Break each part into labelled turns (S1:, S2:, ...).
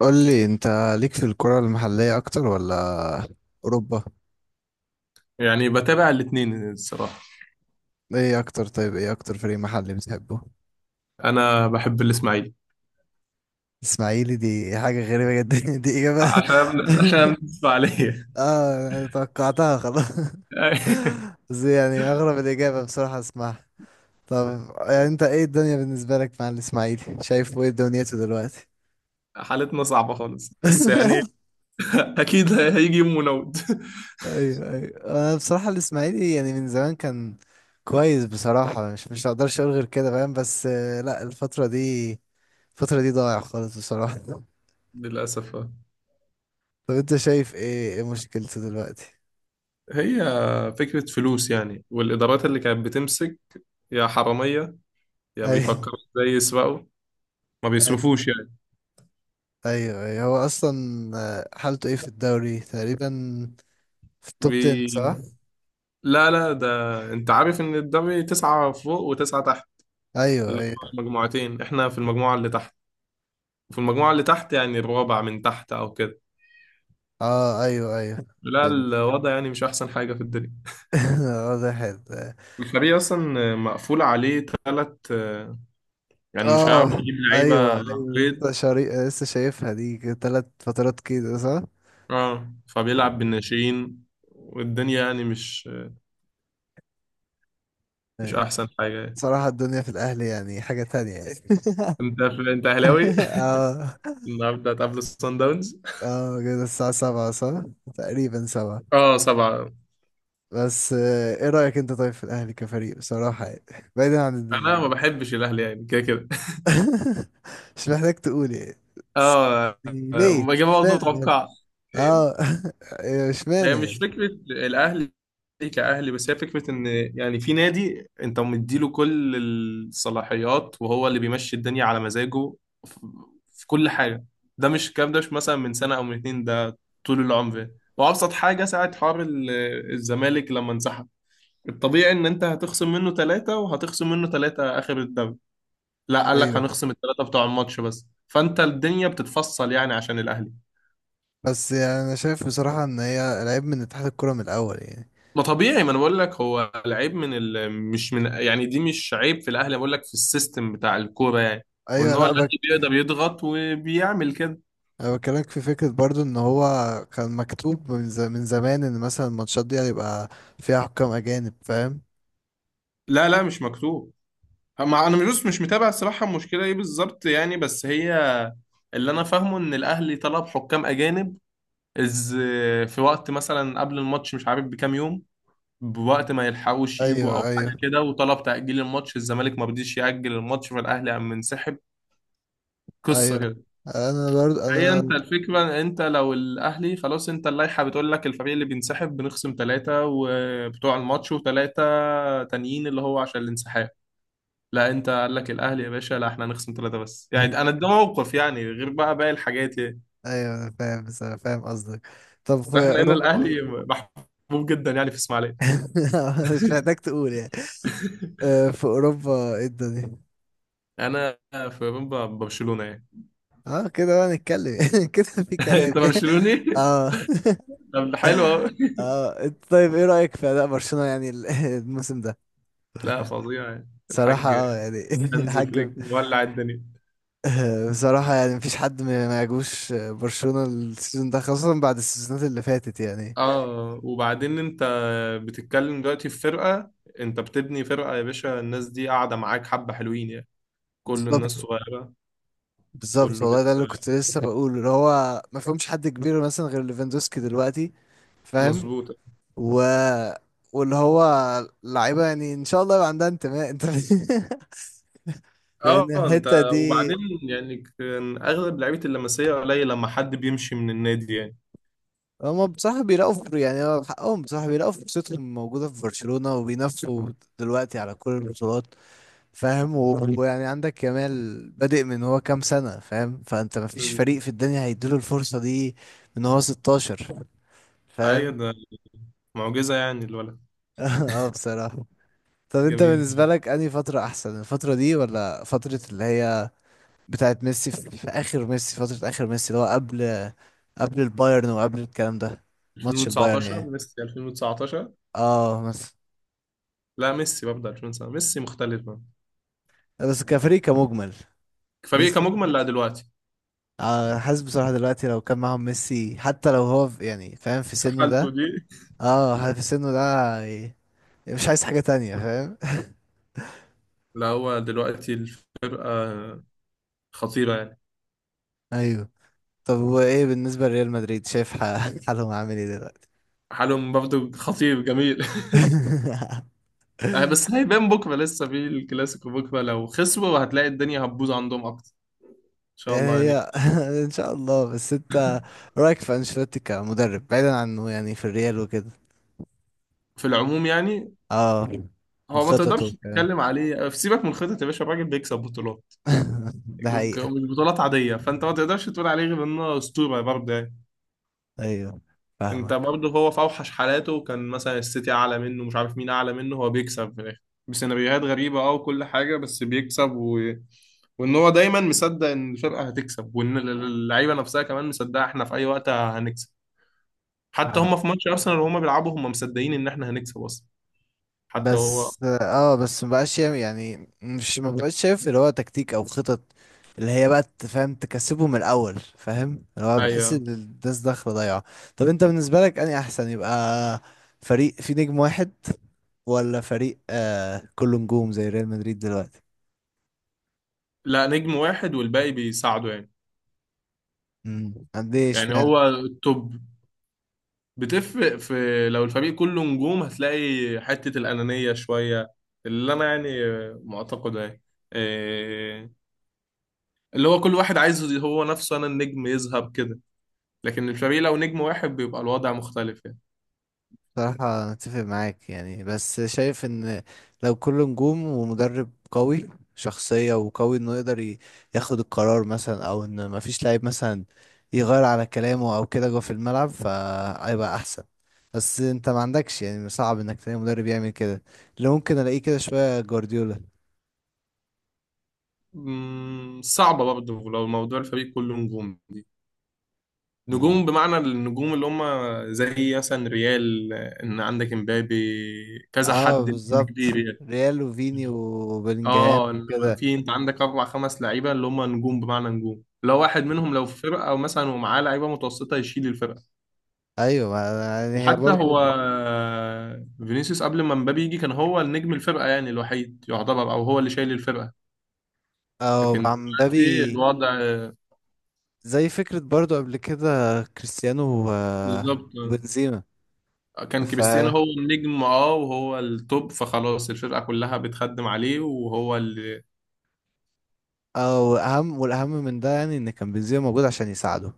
S1: قول لي انت، ليك في الكرة المحلية اكتر ولا اوروبا؟
S2: يعني بتابع الاثنين الصراحة.
S1: ايه اكتر طيب، ايه اكتر فريق محلي بتحبه؟
S2: أنا بحب الإسماعيلي
S1: اسماعيلي دي حاجة غريبة جدا. دي اجابة.
S2: عشان بتسمع عليا.
S1: اه انا توقعتها خلاص. بس يعني اغرب الاجابة بصراحة اسمعها. طب، يعني انت ايه الدنيا بالنسبة لك مع الاسماعيلي؟ شايف ايه دنيته دلوقتي؟
S2: حالتنا صعبة خالص، بس يعني أكيد هيجي يوم ونود.
S1: ايوه ايوه، انا بصراحة الاسماعيلي يعني من زمان كان كويس بصراحة، مش هقدرش اقول غير كده فاهم، بس لا الفترة دي ضايع خالص بصراحة.
S2: للأسف آه.
S1: طب انت شايف ايه مشكلته دلوقتي؟
S2: هي فكرة فلوس يعني، والإدارات اللي كانت بتمسك يا حرامية يا
S1: ايوه
S2: بيفكروا إزاي يسرقوا، ما
S1: ايوه
S2: بيصرفوش يعني.
S1: ايوه ايوه، هو اصلا حالته ايه في الدوري تقريبا؟ في التوب 10 صح؟
S2: بي... لا لا، ده أنت عارف إن الدوري تسعة فوق وتسعة تحت،
S1: ايوه
S2: اللي
S1: ايوه
S2: هو المجموعتين. إحنا في المجموعة اللي تحت، في المجموعة اللي تحت، يعني الرابع من تحت أو كده.
S1: اه ايوه ايوه،
S2: لا
S1: فهمت.
S2: الوضع يعني مش أحسن حاجة في الدنيا.
S1: واضح
S2: الفريق أصلا مقفول عليه تلات، يعني مش هيعرف
S1: اه
S2: يجيب لعيبة
S1: ايوه ايوه،
S2: قيد،
S1: لسه شايفها دي ثلاث فترات كده صح؟
S2: اه فبيلعب بالناشئين، والدنيا يعني مش
S1: ايوه،
S2: أحسن حاجة يعني.
S1: صراحة الدنيا في الاهلي يعني حاجة تانية يعني.
S2: أنت أنت أهلاوي.
S1: اه.
S2: النهاردة هتقابل الصن داونز،
S1: اه كده الساعة 7 صح؟ تقريبا 7.
S2: اه سبعة.
S1: بس ايه رأيك انت طيب في الاهلي كفريق بصراحة يعني بعيدا عن
S2: أنا ما بحبش الأهلي يعني، كده كده
S1: مش محتاج تقول يعني. بس
S2: اه.
S1: يعني
S2: آه،
S1: ليه؟
S2: ما جاب برضه
S1: اشمعنى الأهلي؟
S2: متوقع. إيه؟
S1: اه.
S2: هي
S1: اشمعنى
S2: مش
S1: يعني؟
S2: فكرة الأهلي كأهلي، بس هي فكرة إن يعني في نادي أنت مديله كل الصلاحيات وهو اللي بيمشي الدنيا على مزاجه في في كل حاجة. ده مش الكلام، ده مش مثلا من سنة أو من اتنين، ده طول العمر. وأبسط حاجة ساعة حوار الزمالك لما انسحب، الطبيعي إن أنت هتخصم منه ثلاثة وهتخصم منه ثلاثة آخر الدوري. لا قال لك
S1: ايوه،
S2: هنخصم الثلاثة بتوع الماتش بس، فأنت الدنيا بتتفصل يعني عشان الأهلي.
S1: بس يعني انا شايف بصراحة ان هي العيب من اتحاد الكرة من الاول يعني.
S2: ما طبيعي، ما انا بقول لك هو العيب من مش من يعني، دي مش عيب في الاهلي، بقول لك في السيستم بتاع الكوره يعني، وان
S1: ايوه
S2: هو
S1: لا بك.
S2: الاهلي بيقدر يضغط وبيعمل كده.
S1: انا بكلمك في فكرة برضو ان هو كان مكتوب من زمان ان مثلا الماتشات دي هيبقى فيها حكام اجانب فاهم.
S2: لا لا مش مكتوب، مع انا مش متابع الصراحه المشكله ايه بالظبط يعني. بس هي اللي انا فاهمه ان الاهلي طلب حكام اجانب از في وقت مثلا قبل الماتش مش عارف بكام يوم، بوقت ما يلحقوش يجوا او
S1: ايوه
S2: حاجه
S1: ايوه
S2: كده، وطلب تاجيل الماتش، الزمالك ما رضيش ياجل الماتش، فالاهلي قام منسحب. قصه
S1: ايوه،
S2: كده.
S1: انا برضو
S2: هي
S1: انا.
S2: انت الفكرة، انت لو الاهلي خلاص، انت اللائحة بتقول لك الفريق اللي بينسحب بنخصم ثلاثة وبتوع الماتش وثلاثة تانيين اللي هو عشان الانسحاب، لا انت قال لك الاهلي يا باشا لا احنا هنخصم ثلاثة بس. يعني انا ده موقف يعني، غير بقى باقي الحاجات يعني.
S1: ايوه انا فاهم، بس أنا فاهم قصدك. طب في
S2: احنا هنا
S1: اوروبا؟
S2: الاهلي محبوب جدا يعني في اسماعيلية.
S1: مش محتاج تقول يعني. في اوروبا ايه الدنيا؟
S2: انا في برشلونة يعني.
S1: اه كده بقى نتكلم كده. في كلام
S2: انت
S1: يعني.
S2: برشلوني.
S1: اه.
S2: طب ده حلو أوي.
S1: اه إنت طيب ايه رأيك في اداء برشلونة يعني الموسم ده؟
S2: لا فظيع يعني،
S1: صراحة
S2: الحاج
S1: اه يعني.
S2: هانز
S1: حاج.
S2: فليك مولع الدنيا.
S1: بصراحة يعني مفيش حد ما يعجبوش برشلونة السيزون ده، خاصة بعد السيزونات اللي فاتت يعني.
S2: اه، وبعدين انت بتتكلم دلوقتي في فرقة، انت بتبني فرقة يا باشا، الناس دي قاعدة معاك حبة حلوين يعني، كل الناس
S1: بالظبط،
S2: صغيرة،
S1: بالظبط
S2: كله
S1: والله ده
S2: لسه
S1: اللي كنت لسه بقوله، اللي هو ما فيهمش حد كبير مثلا غير ليفاندوسكي دلوقتي. فاهم.
S2: مظبوطة.
S1: و واللي هو لعيبه يعني ان شاء الله يبقى عندها انتماء انت.
S2: اه
S1: لان
S2: انت
S1: الحته دي،
S2: وبعدين يعني كان اغلب لعيبة اللمسية قليل لما حد بيمشي من النادي يعني.
S1: هم بصراحه بيلاقوا يعني هو حقهم بصراحه بيلاقوا فرصتهم موجوده في برشلونه وبينافسوا دلوقتي على كل البطولات. فاهم، ويعني عندك كمال بادئ من هو كام سنه، فاهم؟ فانت ما فيش فريق
S2: مم.
S1: في الدنيا هيديله الفرصه دي. من هو 16،
S2: ايوه،
S1: فاهم؟
S2: ده معجزة يعني الولد،
S1: اه بصراحة. طب انت
S2: جميل
S1: بالنسبة
S2: جدا.
S1: لك انهي فترة احسن، الفترة دي ولا فترة اللي هي بتاعت ميسي، في اخر ميسي؟ اللي هو قبل البايرن وقبل الكلام ده. ماتش البايرن
S2: 2019
S1: يعني.
S2: ميسي 2019،
S1: اه بس.
S2: لا ميسي ببدأ 2019 ميسي مختلف بقى.
S1: بس كفريق كمجمل.
S2: فريق
S1: ميسي.
S2: كمجمل لا دلوقتي،
S1: آه، حاسس بصراحة دلوقتي لو كان معاهم ميسي حتى لو هو يعني فاهم في
S2: في
S1: سنه
S2: حالته
S1: ده.
S2: دي.
S1: اه في سنه ده. ي- مش عايز حاجة تانية فاهم.
S2: لا هو دلوقتي الفرقة خطيرة يعني.
S1: ايوه. طب وايه بالنسبة لريال مدريد؟ شايف حالهم عامل ايه دلوقتي؟
S2: حالهم برضه خطير جميل. آه،
S1: يعني.
S2: بس هيبان بكرة، لسه في الكلاسيكو بكرة، لو خسروا هتلاقي الدنيا هتبوظ عندهم أكتر. إن شاء الله
S1: هي.
S2: يعني.
S1: ان شاء الله، بس انت رايك في انشيلوتي كمدرب بعيدا عنه يعني في الريال وكده؟
S2: في العموم يعني
S1: اه
S2: هو ما
S1: وخططه
S2: تقدرش
S1: وكده.
S2: تتكلم عليه، في سيبك من خطة يا باشا، الراجل بيكسب بطولات،
S1: ده حقيقة.
S2: ومش بطولات عادية، فأنت ما تقدرش تقول عليه غير إنه أسطورة برضه يعني.
S1: ايوه
S2: انت
S1: فاهمك.
S2: برضه هو في اوحش حالاته كان مثلا السيتي اعلى منه، مش عارف مين اعلى منه، هو بيكسب في الاخر بسيناريوهات غريبه اه، وكل حاجه بس بيكسب وان هو دايما مصدق ان الفرقه هتكسب، وان اللعيبه نفسها كمان مصدقه احنا في اي وقت هنكسب. حتى
S1: آه.
S2: هم في ماتش ارسنال وهم بيلعبوا هم مصدقين ان احنا هنكسب اصلا. حتى هو
S1: بس مبقاش يعني مش مبقاش شايف اللي هو تكتيك او خطط اللي هي بقى تفهم تكسبه من الاول فاهم، اللي هو بحس
S2: ايوه.
S1: ان الناس داخله ضايعه. طب انت بالنسبه لك انهي احسن، يبقى فريق فيه نجم واحد ولا فريق كله نجوم زي ريال مدريد دلوقتي؟
S2: لا نجم واحد والباقي بيساعده يعني.
S1: قد ايه
S2: يعني
S1: اشمعنى؟
S2: هو التوب بتفرق في، لو الفريق كله نجوم هتلاقي حتة الأنانية شوية، اللي أنا يعني معتقده يعني، إيه، اللي هو كل واحد عايز هو نفسه أنا النجم يذهب كده، لكن الفريق لو نجم واحد بيبقى الوضع مختلف يعني.
S1: بصراحة أنا أتفق معاك يعني، بس شايف إن لو كل نجوم ومدرب قوي شخصية وقوي إنه يقدر ياخد القرار مثلا، أو إن مفيش لعيب مثلا يغير على كلامه أو كده جوه في الملعب فهيبقى أحسن. بس أنت ما عندكش، يعني صعب إنك تلاقي مدرب يعمل كده. اللي ممكن ألاقيه كده شوية جوارديولا.
S2: مم، صعبة برضه لو موضوع الفريق كله نجوم دي،
S1: مم.
S2: نجوم بمعنى النجوم اللي هم زي مثلا ريال، إن عندك امبابي، كذا
S1: اه
S2: حد نجم
S1: بالظبط.
S2: كبير يعني.
S1: ريال وفيني وبلينجهام
S2: اه إنما
S1: وكده.
S2: في انت عندك اربع خمس لعيبه اللي هم نجوم بمعنى نجوم، لو واحد منهم لو في فرقه او مثلا ومعاه لعيبه متوسطه يشيل الفرقه.
S1: ايوه يعني هي
S2: وحتى
S1: برضو.
S2: هو فينيسيوس قبل ما مبابي يجي كان هو النجم الفرقه يعني الوحيد يعتبر، او هو اللي شايل الفرقه،
S1: اه
S2: لكن
S1: مع
S2: دلوقتي
S1: مبابي.
S2: الوضع.
S1: زي فكرة برضو قبل كده كريستيانو
S2: بالظبط،
S1: وبنزيما.
S2: كان
S1: ف
S2: كريستيانو هو النجم اه وهو التوب، فخلاص الفرقه كلها بتخدم عليه وهو اللي.
S1: او اهم والاهم من ده يعني ان كان بنزيما موجود عشان يساعده.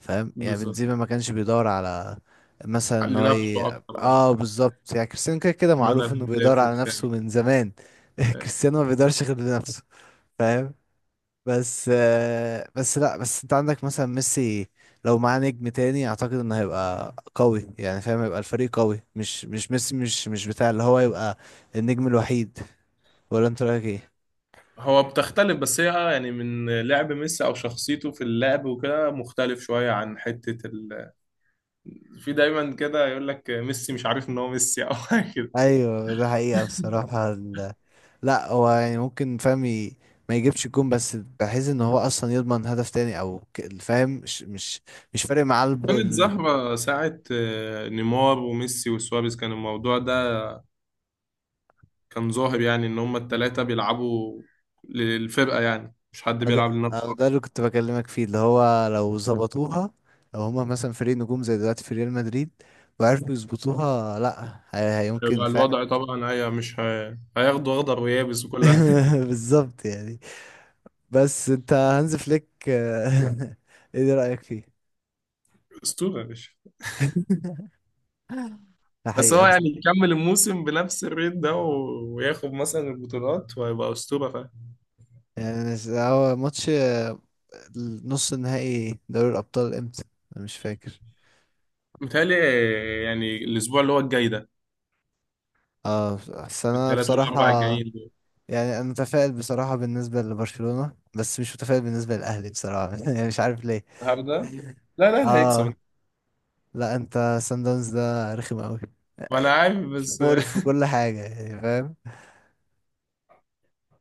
S1: فاهم يعني
S2: بالظبط،
S1: بنزيما ما كانش بيدور على مثلا ان هو
S2: لنفسه اكتر اه،
S1: اه بالظبط، يعني كريستيانو كده كده
S2: ان انا
S1: معروف انه بيدور
S2: بهداف
S1: على
S2: وبتاع.
S1: نفسه من زمان. كريستيانو ما بيدورش غير لنفسه. فاهم. بس آه، بس لا بس انت عندك مثلا ميسي لو معاه نجم تاني اعتقد انه هيبقى قوي، يعني فاهم، هيبقى الفريق قوي، مش ميسي، مش مش بتاع اللي هو يبقى النجم الوحيد. ولا انت رايك ايه؟
S2: هو بتختلف، بس هي آه يعني من لعب ميسي او شخصيته في اللعب وكده مختلف شويه عن حته في دايما كده يقول لك ميسي مش عارف ان هو ميسي او حاجه كده.
S1: ايوه ده حقيقة بصراحة لا هو يعني ممكن، فاهم، ما يجيبش الجون بس بحيث ان هو اصلا يضمن هدف تاني او فاهم، مش فارق معاه.
S2: كانت زهره ساعه آه، نيمار وميسي وسواريز كان الموضوع ده كان ظاهر يعني ان هما الثلاثه بيلعبوا للفرقه يعني، مش حد بيلعب
S1: ده أو
S2: لنفسه
S1: ده
S2: أكتر.
S1: اللي كنت بكلمك فيه، اللي هو لو ظبطوها لو هما مثلا فريق نجوم زي دلوقتي في ريال مدريد وعرفوا يظبطوها لا هي- هيمكن
S2: يبقى
S1: فعلا.
S2: الوضع طبعا، هي مش هي... هياخدوا اخضر ويابس وكل حاجه.
S1: بالظبط يعني. بس انت هانز فليك، ايه رأيك فيه؟
S2: اسطوره يا باشا. بس
S1: الحقيقة
S2: هو
S1: بس.
S2: يعني يكمل الموسم بنفس الريت ده وياخد مثلا البطولات وهيبقى اسطوره فاهم.
S1: يعني أنا هو ماتش نص النهائي دوري الأبطال امتى؟ أنا مش فاكر.
S2: متهيألي يعني الاسبوع اللي هو الجاي ده،
S1: اه بس أنا
S2: الثلاث
S1: بصراحة.
S2: والاربع الجايين دول.
S1: يعني أنا متفائل بصراحة بالنسبة لبرشلونة بس مش متفائل بالنسبة للأهلي بصراحة يعني مش عارف.
S2: النهارده، لا لا اللي هيكسب.
S1: اه. لا انت سان داونز ده رخم قوي،
S2: ما انا عارف بس
S1: مقرف في كل حاجة يعني فاهم.